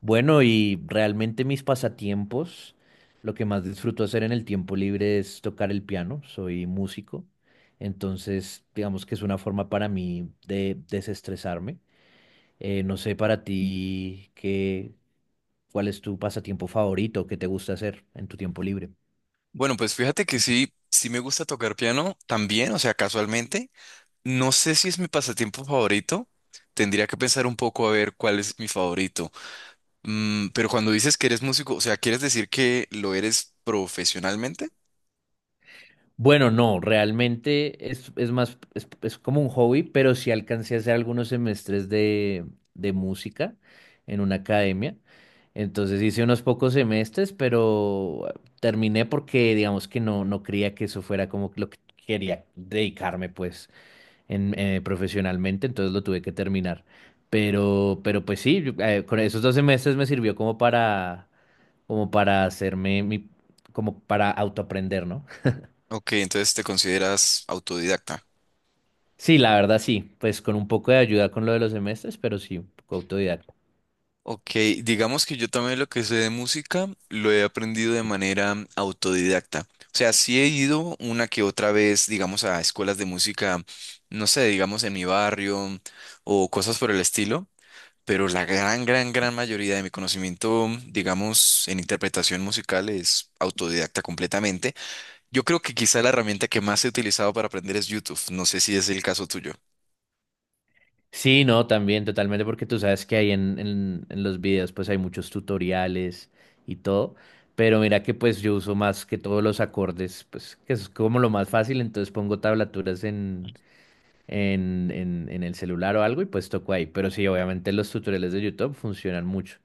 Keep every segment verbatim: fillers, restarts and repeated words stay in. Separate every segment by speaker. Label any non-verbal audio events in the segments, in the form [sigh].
Speaker 1: Bueno, y realmente mis pasatiempos, lo que más disfruto hacer en el tiempo libre es tocar el piano, soy músico, entonces digamos que es una forma para mí de desestresarme. Eh, no sé para ti qué, cuál es tu pasatiempo favorito, qué te gusta hacer en tu tiempo libre.
Speaker 2: Bueno, pues fíjate que sí, sí me gusta tocar piano también, o sea, casualmente. No sé si es mi pasatiempo favorito. Tendría que pensar un poco a ver cuál es mi favorito. Mm, pero cuando dices que eres músico, o sea, ¿quieres decir que lo eres profesionalmente?
Speaker 1: Bueno, no, realmente es, es más, es, es como un hobby, pero sí alcancé a hacer algunos semestres de, de música en una academia. Entonces hice unos pocos semestres, pero terminé porque digamos que no, no creía que eso fuera como lo que quería dedicarme pues en, eh, profesionalmente, entonces lo tuve que terminar. Pero, pero pues sí, yo, eh, con esos dos semestres me sirvió como para, como para hacerme mi, como para autoaprender, ¿no?
Speaker 2: Ok, entonces te consideras autodidacta.
Speaker 1: Sí, la verdad sí, pues con un poco de ayuda con lo de los semestres, pero sí, un poco autodidacta.
Speaker 2: Ok, digamos que yo también lo que sé de música lo he aprendido de manera autodidacta. O sea, sí he ido una que otra vez, digamos, a escuelas de música, no sé, digamos en mi barrio o cosas por el estilo, pero la gran, gran, gran mayoría de mi conocimiento, digamos, en interpretación musical es autodidacta completamente. Yo creo que quizá la herramienta que más he utilizado para aprender es YouTube. No sé si es el caso tuyo.
Speaker 1: Sí, no, también totalmente, porque tú sabes que ahí en, en, en los videos pues hay muchos tutoriales y todo, pero mira que pues yo uso más que todos los acordes, pues que es como lo más fácil, entonces pongo tablaturas en, en, en, en el celular o algo y pues toco ahí, pero sí, obviamente los tutoriales de YouTube funcionan mucho.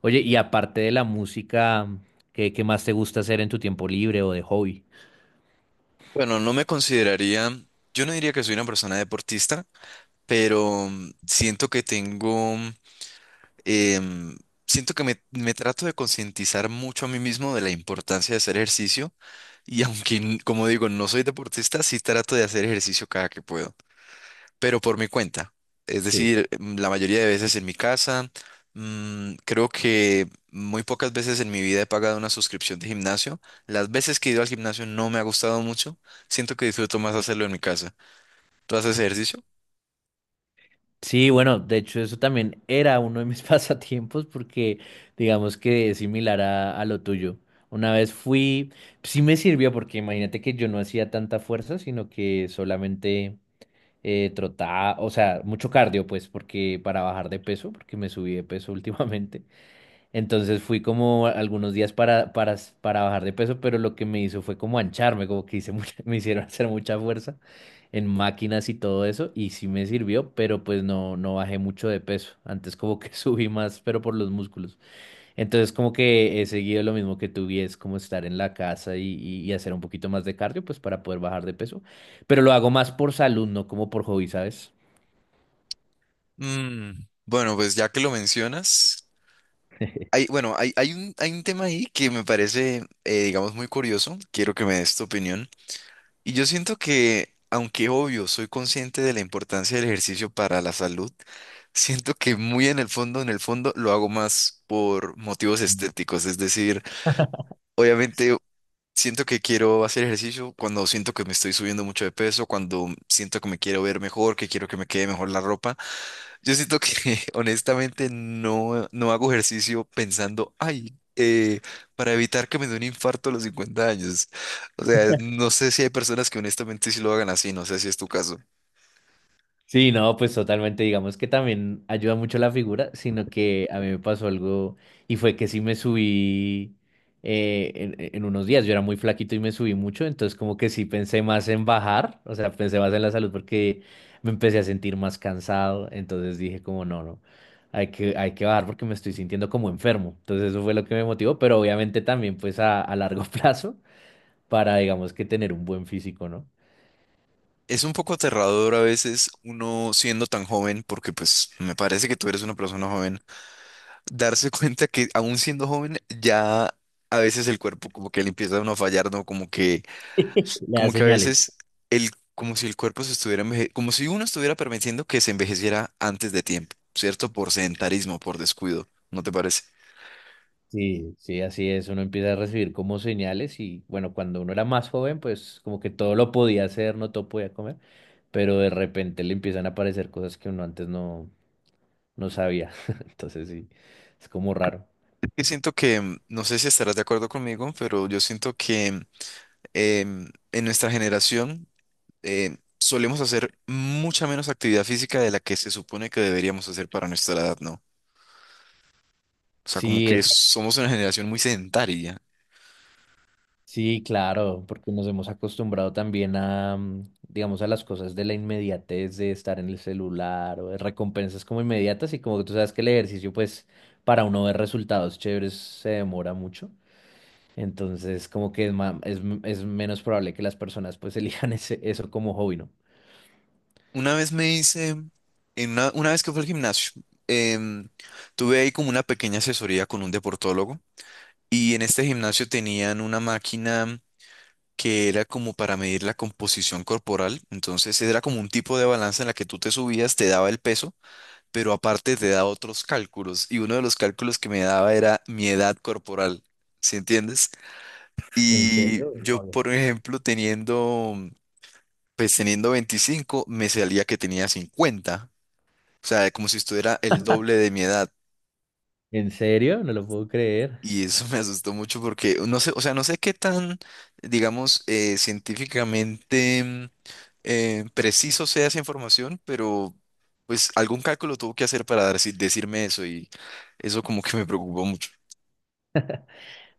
Speaker 1: Oye, y aparte de la música, ¿qué, qué más te gusta hacer en tu tiempo libre o de hobby?
Speaker 2: Bueno, no me consideraría, yo no diría que soy una persona deportista, pero mm, siento que tengo, em, siento que me, me trato de concientizar mucho a mí mismo de la importancia de hacer ejercicio y [laughs] aunque, n- como digo, no soy deportista, sí trato de hacer ejercicio cada que puedo, pero por mi cuenta. Es
Speaker 1: Sí.
Speaker 2: decir, mm, la mayoría de veces en mi casa, mm, creo que muy pocas veces en mi vida he pagado una suscripción de gimnasio. Las veces que he ido al gimnasio no me ha gustado mucho, siento que disfruto más hacerlo en mi casa. ¿Tú haces ejercicio?
Speaker 1: Sí, bueno, de hecho eso también era uno de mis [laughs] pasatiempos porque digamos que es similar a, a lo tuyo. Una vez fui, sí me sirvió porque imagínate que yo no hacía tanta fuerza, sino que solamente eh, trotaba, o sea, mucho cardio pues porque para bajar de peso, porque me subí de peso [laughs] últimamente. Entonces fui como algunos días para, para, para bajar de peso, pero lo que me hizo fue como ancharme, como que hice mucha- [laughs] me hicieron hacer mucha fuerza en máquinas y todo eso, y sí me sirvió, pero pues no, no bajé mucho de peso. Antes como que [laughs] subí más, pero por los músculos. Entonces como que he seguido lo mismo que tú y es como estar en la casa y, y y hacer un poquito más de cardio, pues para poder bajar de peso, pero lo hago más por salud, no como por hobby, ¿sabes?
Speaker 2: Mm, bueno, pues ya que lo mencionas, hay, bueno, hay, hay un, hay un tema ahí que me parece, eh, digamos, muy curioso. Quiero que me des tu opinión. Y yo siento que, aunque obvio, soy consciente de la importancia del ejercicio para la salud, siento que muy en el fondo, en el fondo, lo hago más por motivos estéticos. Es decir, obviamente. Siento que quiero hacer ejercicio cuando siento que me estoy subiendo mucho de peso, cuando siento que me quiero ver mejor, que quiero que me quede mejor la ropa. Yo siento que [laughs] honestamente no, no hago ejercicio pensando, ay, eh, para evitar que me dé un infarto a los cincuenta años. O sea, no sé si hay personas que honestamente sí lo hagan así, no sé si es tu caso.
Speaker 1: Sí, no, pues totalmente, digamos que también ayuda mucho la figura, sino que a mí me pasó algo y fue que sí me subí eh, en, en unos días, yo era muy flaquito y me subí mucho, entonces como que sí pensé más en bajar, o sea, pensé más en la salud porque me empecé a sentir más cansado, entonces dije como no, no, hay que, hay que bajar porque me estoy sintiendo como enfermo, entonces eso fue lo que me motivó, pero obviamente también pues a, a largo [laughs] plazo para digamos que tener un buen físico, ¿no?
Speaker 2: Es un poco aterrador a veces uno siendo tan joven, porque pues me parece que tú eres una persona joven, darse [laughs] cuenta que aún siendo joven ya a veces el cuerpo como que le empieza a uno a fallar, ¿no? Como que
Speaker 1: Le da
Speaker 2: como que a
Speaker 1: señales.
Speaker 2: veces el, como si el cuerpo se estuviera enveje- como si uno estuviera permitiendo que se envejeciera antes de tiempo, ¿cierto? Por sedentarismo, por descuido, ¿no te parece?
Speaker 1: Sí, sí, así es. Uno empieza a recibir como señales y bueno, cuando uno era más joven, pues como que todo lo podía hacer, no todo podía comer, pero de repente le empiezan a aparecer cosas que uno antes no, no sabía. [laughs] Entonces sí, es como raro.
Speaker 2: Yo siento que, mm, no sé si estarás de acuerdo conmigo, pero yo siento que mm, em, en nuestra generación eh, solemos hacer mucha menos actividad física de la que se supone que deberíamos hacer para nuestra edad, ¿no? O sea, como
Speaker 1: Sí,
Speaker 2: que
Speaker 1: es-
Speaker 2: somos una generación muy sedentaria.
Speaker 1: sí, claro, porque nos hemos acostumbrado también a, mm, digamos, a las cosas de la inmediatez de estar en el celular o de recompensas como inmediatas y como que tú sabes que el ejercicio, pues, para uno ver resultados chéveres se demora mucho. Entonces, como que es, ma- es, es menos probable que las personas pues [laughs] elijan ese, eso como hobby, ¿no?
Speaker 2: Una vez me hice, en una, una vez que fue al gimnasio, em, tuve ahí como una pequeña asesoría con un deportólogo y en este gimnasio tenían una máquina que era como para medir la composición corporal, entonces era como un tipo de balanza en la que tú te subías, te daba el peso, pero aparte te daba otros cálculos y uno de los cálculos que me daba era mi edad corporal, ¿sí entiendes?
Speaker 1: ¿En
Speaker 2: Y
Speaker 1: serio?
Speaker 2: yo,
Speaker 1: No, no.
Speaker 2: por ejemplo, teniendo. Pues teniendo veinticinco me salía que tenía cincuenta. O sea, como si estuviera el doble de mi edad.
Speaker 1: ¿En serio? No lo puedo creer.
Speaker 2: Y eso [laughs] me asustó mucho porque no sé, o sea, no sé qué tan, digamos, eh, científicamente mm, eh, preciso sea esa información, pero pues algún cálculo tuvo que hacer para dar- decirme eso y eso como que me preocupó mucho.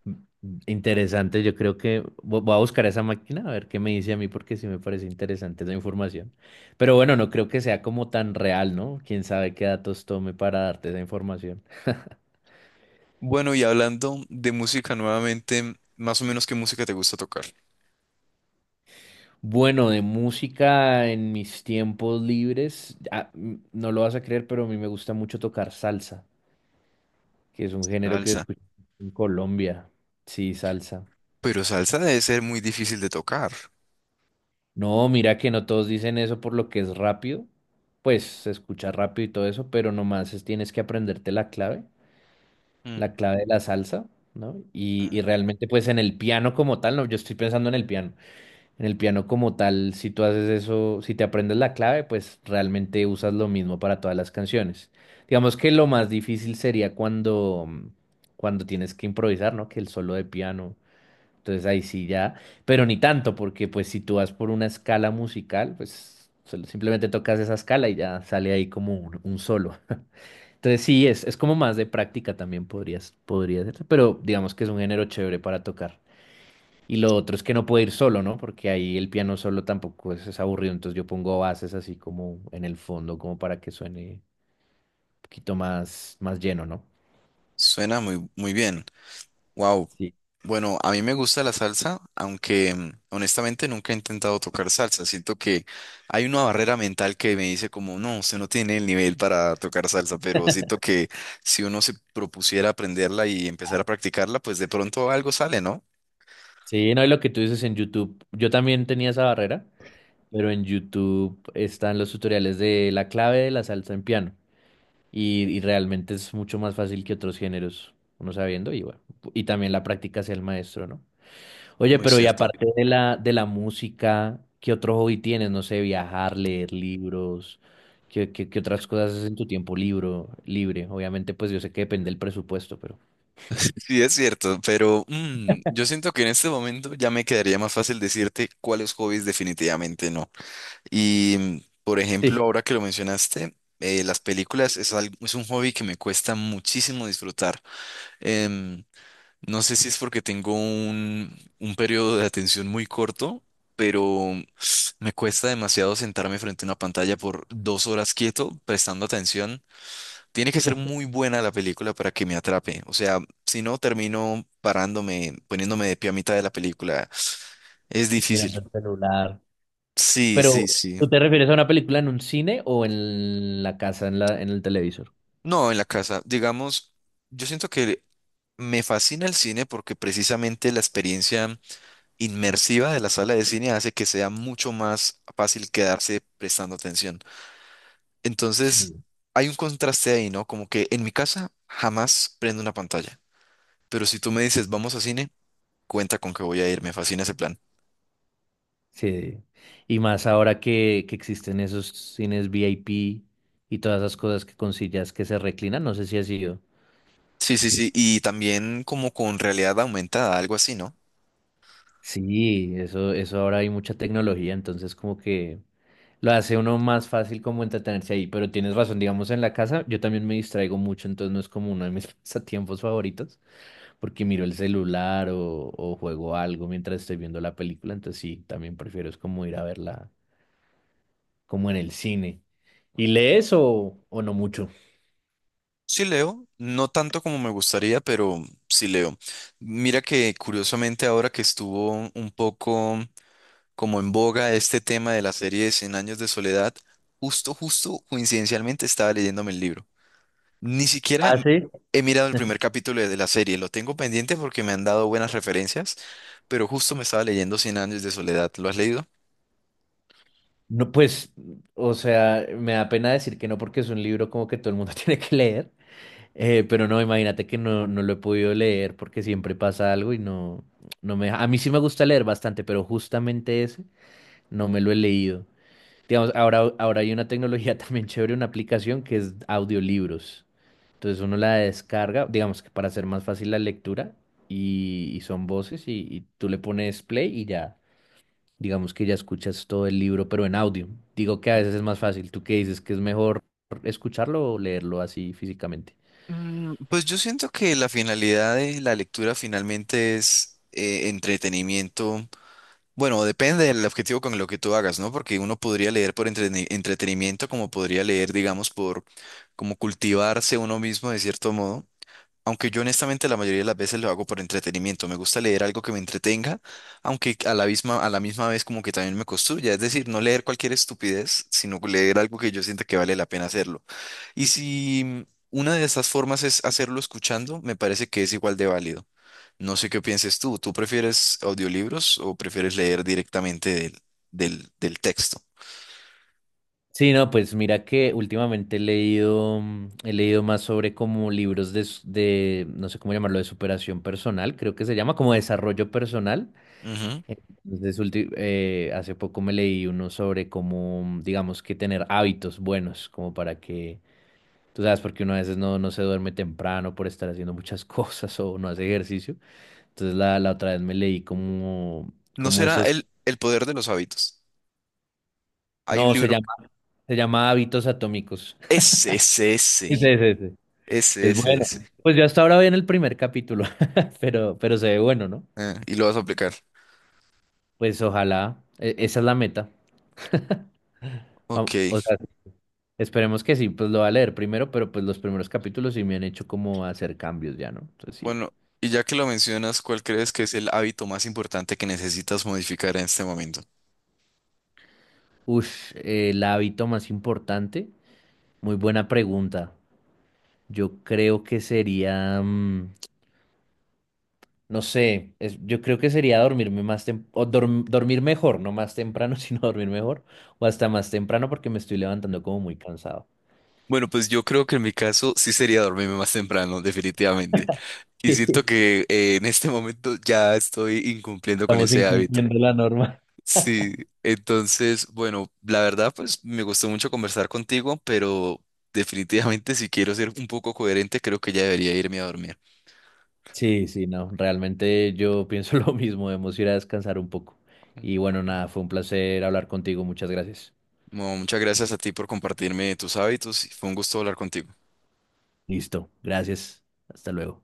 Speaker 1: M- Interesante, yo creo que vo- voy a buscar esa máquina a ver qué me dice a mí porque sí me parece interesante esa información. Pero bueno, no creo que sea como tan real, ¿no? Quién sabe qué datos tome para darte esa información.
Speaker 2: Bueno, y hablando de música nuevamente, más o menos qué música te gusta tocar.
Speaker 1: Bueno, de música en mis tiempos libres, ah, m- no lo vas a creer, pero a mí me gusta mucho tocar salsa, que es un género que
Speaker 2: Salsa.
Speaker 1: escucho en Colombia. Sí, salsa.
Speaker 2: Pero salsa debe ser muy difícil de tocar.
Speaker 1: No, mira que no todos dicen eso por lo que es rápido. Pues se escucha rápido y todo eso, pero nomás es- tienes que aprenderte la clave,
Speaker 2: Mm.
Speaker 1: la clave de la salsa, ¿no? Y, y realmente pues en el piano como tal, no, yo estoy pensando en el piano. En el piano como tal, si tú haces eso, si te aprendes la clave, pues realmente usas lo mismo para todas las canciones. Digamos que lo más difícil sería cuando, cuando tienes que improvisar, ¿no? Que el solo de piano. Entonces ahí sí ya, pero ni tanto, porque pues si tú vas por una escala musical, pues solo- simplemente tocas esa escala y ya sale ahí como un, un solo. Entonces sí, es, es como más de práctica también podrías, podría ser, pero digamos que es un género chévere para tocar. Y lo otro es que no puede ir solo, ¿no? Porque ahí el piano solo tampoco es, es aburrido, entonces yo pongo bases así como en el fondo, como para que suene un poquito más, más lleno, ¿no?
Speaker 2: Suena muy, muy bien. Wow.
Speaker 1: Sí.
Speaker 2: Bueno, a mí me gusta la salsa, aunque mm, honestamente nunca he intentado tocar salsa. Siento que hay una barrera mental que me dice como, no, usted no tiene el nivel para tocar salsa, pero siento que si uno se propusiera aprenderla y empezar a practicarla, pues de pronto algo sale, ¿no?
Speaker 1: Sí, no, y lo que tú dices en YouTube, yo también tenía esa barrera, pero en YouTube están los tutoriales de la clave de la salsa en piano y, y realmente es mucho más fácil que otros géneros, uno sabiendo y bueno, y también la práctica hacia el maestro, ¿no? Oye,
Speaker 2: Muy
Speaker 1: pero y
Speaker 2: cierto.
Speaker 1: aparte de la, de la música, ¿qué otro hobby tienes? No sé, viajar, leer libros, ¿qué, qué, qué otras cosas haces en tu tiempo libro, libre? Obviamente, pues yo sé que depende del presupuesto, pero
Speaker 2: Sí, es cierto, pero mm, yo siento que en este momento ya me quedaría más fácil decirte cuáles hobbies definitivamente no. Y, mm, por ejemplo,
Speaker 1: sí,
Speaker 2: ahora que lo mencionaste, eh, las películas es algo, es un hobby que me cuesta muchísimo disfrutar. Em, no sé si es porque tengo un, un periodo de atención muy corto, pero [sniffs] me cuesta demasiado sentarme frente a una pantalla por dos horas quieto, prestando atención. Tiene que ser muy buena la película para que me atrape. O sea, si no, termino parándome, poniéndome de pie a mitad de la película. Es
Speaker 1: mirando
Speaker 2: difícil.
Speaker 1: el celular.
Speaker 2: Sí,
Speaker 1: Pero,
Speaker 2: sí, sí.
Speaker 1: ¿tú te refieres a una película en un cine o en la casa, en la, en el televisor?
Speaker 2: No, en la casa. Digamos, yo siento que me fascina el cine porque precisamente la experiencia inmersiva de la sala de cine hace que sea mucho más fácil quedarse prestando atención. Entonces,
Speaker 1: Sí.
Speaker 2: hay un contraste ahí, ¿no? Como que en mi casa jamás prendo una pantalla, pero si tú me dices vamos a cine, cuenta con que voy a ir, me fascina ese plan.
Speaker 1: Sí, y más ahora que, que existen esos cines V I P y todas esas cosas que con sillas que se reclinan, no sé si ha sido.
Speaker 2: Sí, sí, sí, y también como con realidad aumentada, algo así, ¿no?
Speaker 1: Sí, eso, eso ahora hay mucha tecnología, entonces como que lo hace uno más fácil como entretenerse ahí, pero tienes razón, digamos en la casa yo también me distraigo mucho, entonces no es como uno de mis [laughs] pasatiempos favoritos, porque miro el celular o, o juego algo mientras estoy viendo la película, entonces sí, también prefiero es como ir a verla como en el cine. ¿Y lees o, o no mucho?
Speaker 2: Sí leo, no tanto como me gustaría, pero sí leo. Mira que curiosamente ahora que estuvo un poco como en boga este tema de la serie de cien años de soledad, justo, justo, coincidencialmente estaba leyéndome el libro. Ni siquiera
Speaker 1: Ah, sí.
Speaker 2: he mirado el primer capítulo de la serie, lo tengo pendiente porque me han dado buenas referencias, pero justo me estaba leyendo Cien años de soledad. ¿Lo has leído?
Speaker 1: No, pues, o sea, me da pena decir que no porque es un libro como que todo el mundo [laughs] tiene que leer, eh, pero no, imagínate que no, no lo he podido leer porque siempre pasa algo y no, no me deja. A mí sí me gusta leer bastante, pero justamente ese no me lo he leído. Digamos, ahora, ahora hay una tecnología [laughs] también chévere, una aplicación que es audiolibros. Entonces uno la descarga, digamos que para hacer más fácil la lectura y, y son voces y, y tú le pones play y ya. Digamos que ya escuchas todo el libro, pero en audio. Digo que a veces es más fácil. ¿Tú qué dices? ¿Que es mejor escucharlo o leerlo así físicamente?
Speaker 2: Mm, Pues yo siento que la finalidad de la lectura finalmente es eh, entretenimiento. Bueno, depende del objetivo con lo que tú hagas, ¿no? Porque uno podría leer por entreni- entretenimiento, como podría leer, digamos, por como cultivarse uno mismo de cierto modo. Aunque yo honestamente la mayoría de las veces lo hago por entretenimiento. Me gusta leer algo que me entretenga, aunque a la misma, a la misma vez como que también me construya. Es decir, no leer cualquier estupidez, sino leer algo que yo sienta que vale la pena hacerlo. Y si una de esas formas es hacerlo escuchando, me parece que es igual de válido. No sé qué pienses tú. ¿Tú prefieres audiolibros o prefieres leer directamente del, del, del texto?
Speaker 1: Sí, no, pues mira que últimamente he leído, mm, he leído más sobre como libros de, s- de, no sé cómo llamarlo, de superación personal, creo que se llama como desarrollo personal.
Speaker 2: Ujú.
Speaker 1: Entonces, ulti- eh, hace poco me leí uno sobre cómo, mm, digamos que tener hábitos buenos, como para que, tú sabes, porque uno a veces no, no se duerme temprano por estar haciendo muchas [laughs] cosas o no hace ejercicio. Entonces la, la otra vez me leí como,
Speaker 2: ¿No
Speaker 1: como
Speaker 2: será
Speaker 1: esos,
Speaker 2: el, el poder de los hábitos? Hay un
Speaker 1: no, se
Speaker 2: libro.
Speaker 1: llama, se llama Hábitos Atómicos. [laughs]
Speaker 2: Ese, ese,
Speaker 1: Sí,
Speaker 2: ese.
Speaker 1: sí, sí, sí.
Speaker 2: Ese,
Speaker 1: Es
Speaker 2: ese,
Speaker 1: bueno.
Speaker 2: ese.
Speaker 1: Pues yo hasta ahora voy en el primer capítulo, [laughs] pero, pero se ve bueno, ¿no?
Speaker 2: Ah, y lo vas a aplicar.
Speaker 1: Pues ojalá, e- esa es la meta. O, o
Speaker 2: Ok.
Speaker 1: sea, esperemos que sí, pues lo va a leer primero, pero pues los primeros capítulos sí me han hecho como hacer cambios ya, ¿no? Entonces sí.
Speaker 2: Bueno, y ya que lo mencionas, ¿cuál crees que es el hábito más importante que necesitas modificar en este momento?
Speaker 1: Ush, eh, el hábito más importante, muy buena pregunta. Yo creo que sería... mm, No sé, es- yo creo que sería dormirme más tem- o dorm- dormir mejor, no más temprano, [laughs] sino dormir mejor, o hasta más temprano porque me estoy levantando como muy cansado.
Speaker 2: Bueno, pues yo creo que en mi caso sí sería dormirme más temprano, definitivamente. Y siento
Speaker 1: [laughs]
Speaker 2: que eh, en este momento ya estoy incumpliendo con
Speaker 1: Estamos
Speaker 2: ese hábito.
Speaker 1: incumpliendo la norma.
Speaker 2: Sí, entonces, bueno, la verdad, pues me gustó mucho conversar contigo, pero definitivamente si quiero ser un poco coherente, creo que ya debería irme a dormir.
Speaker 1: Sí, sí, no, realmente yo pienso [laughs] lo mismo, debemos ir a descansar un poco. Y bueno, nada, fue un placer hablar contigo, muchas gracias.
Speaker 2: No, muchas gracias a ti por compartirme tus hábitos. Fue un gusto hablar contigo.
Speaker 1: Listo, gracias, hasta luego.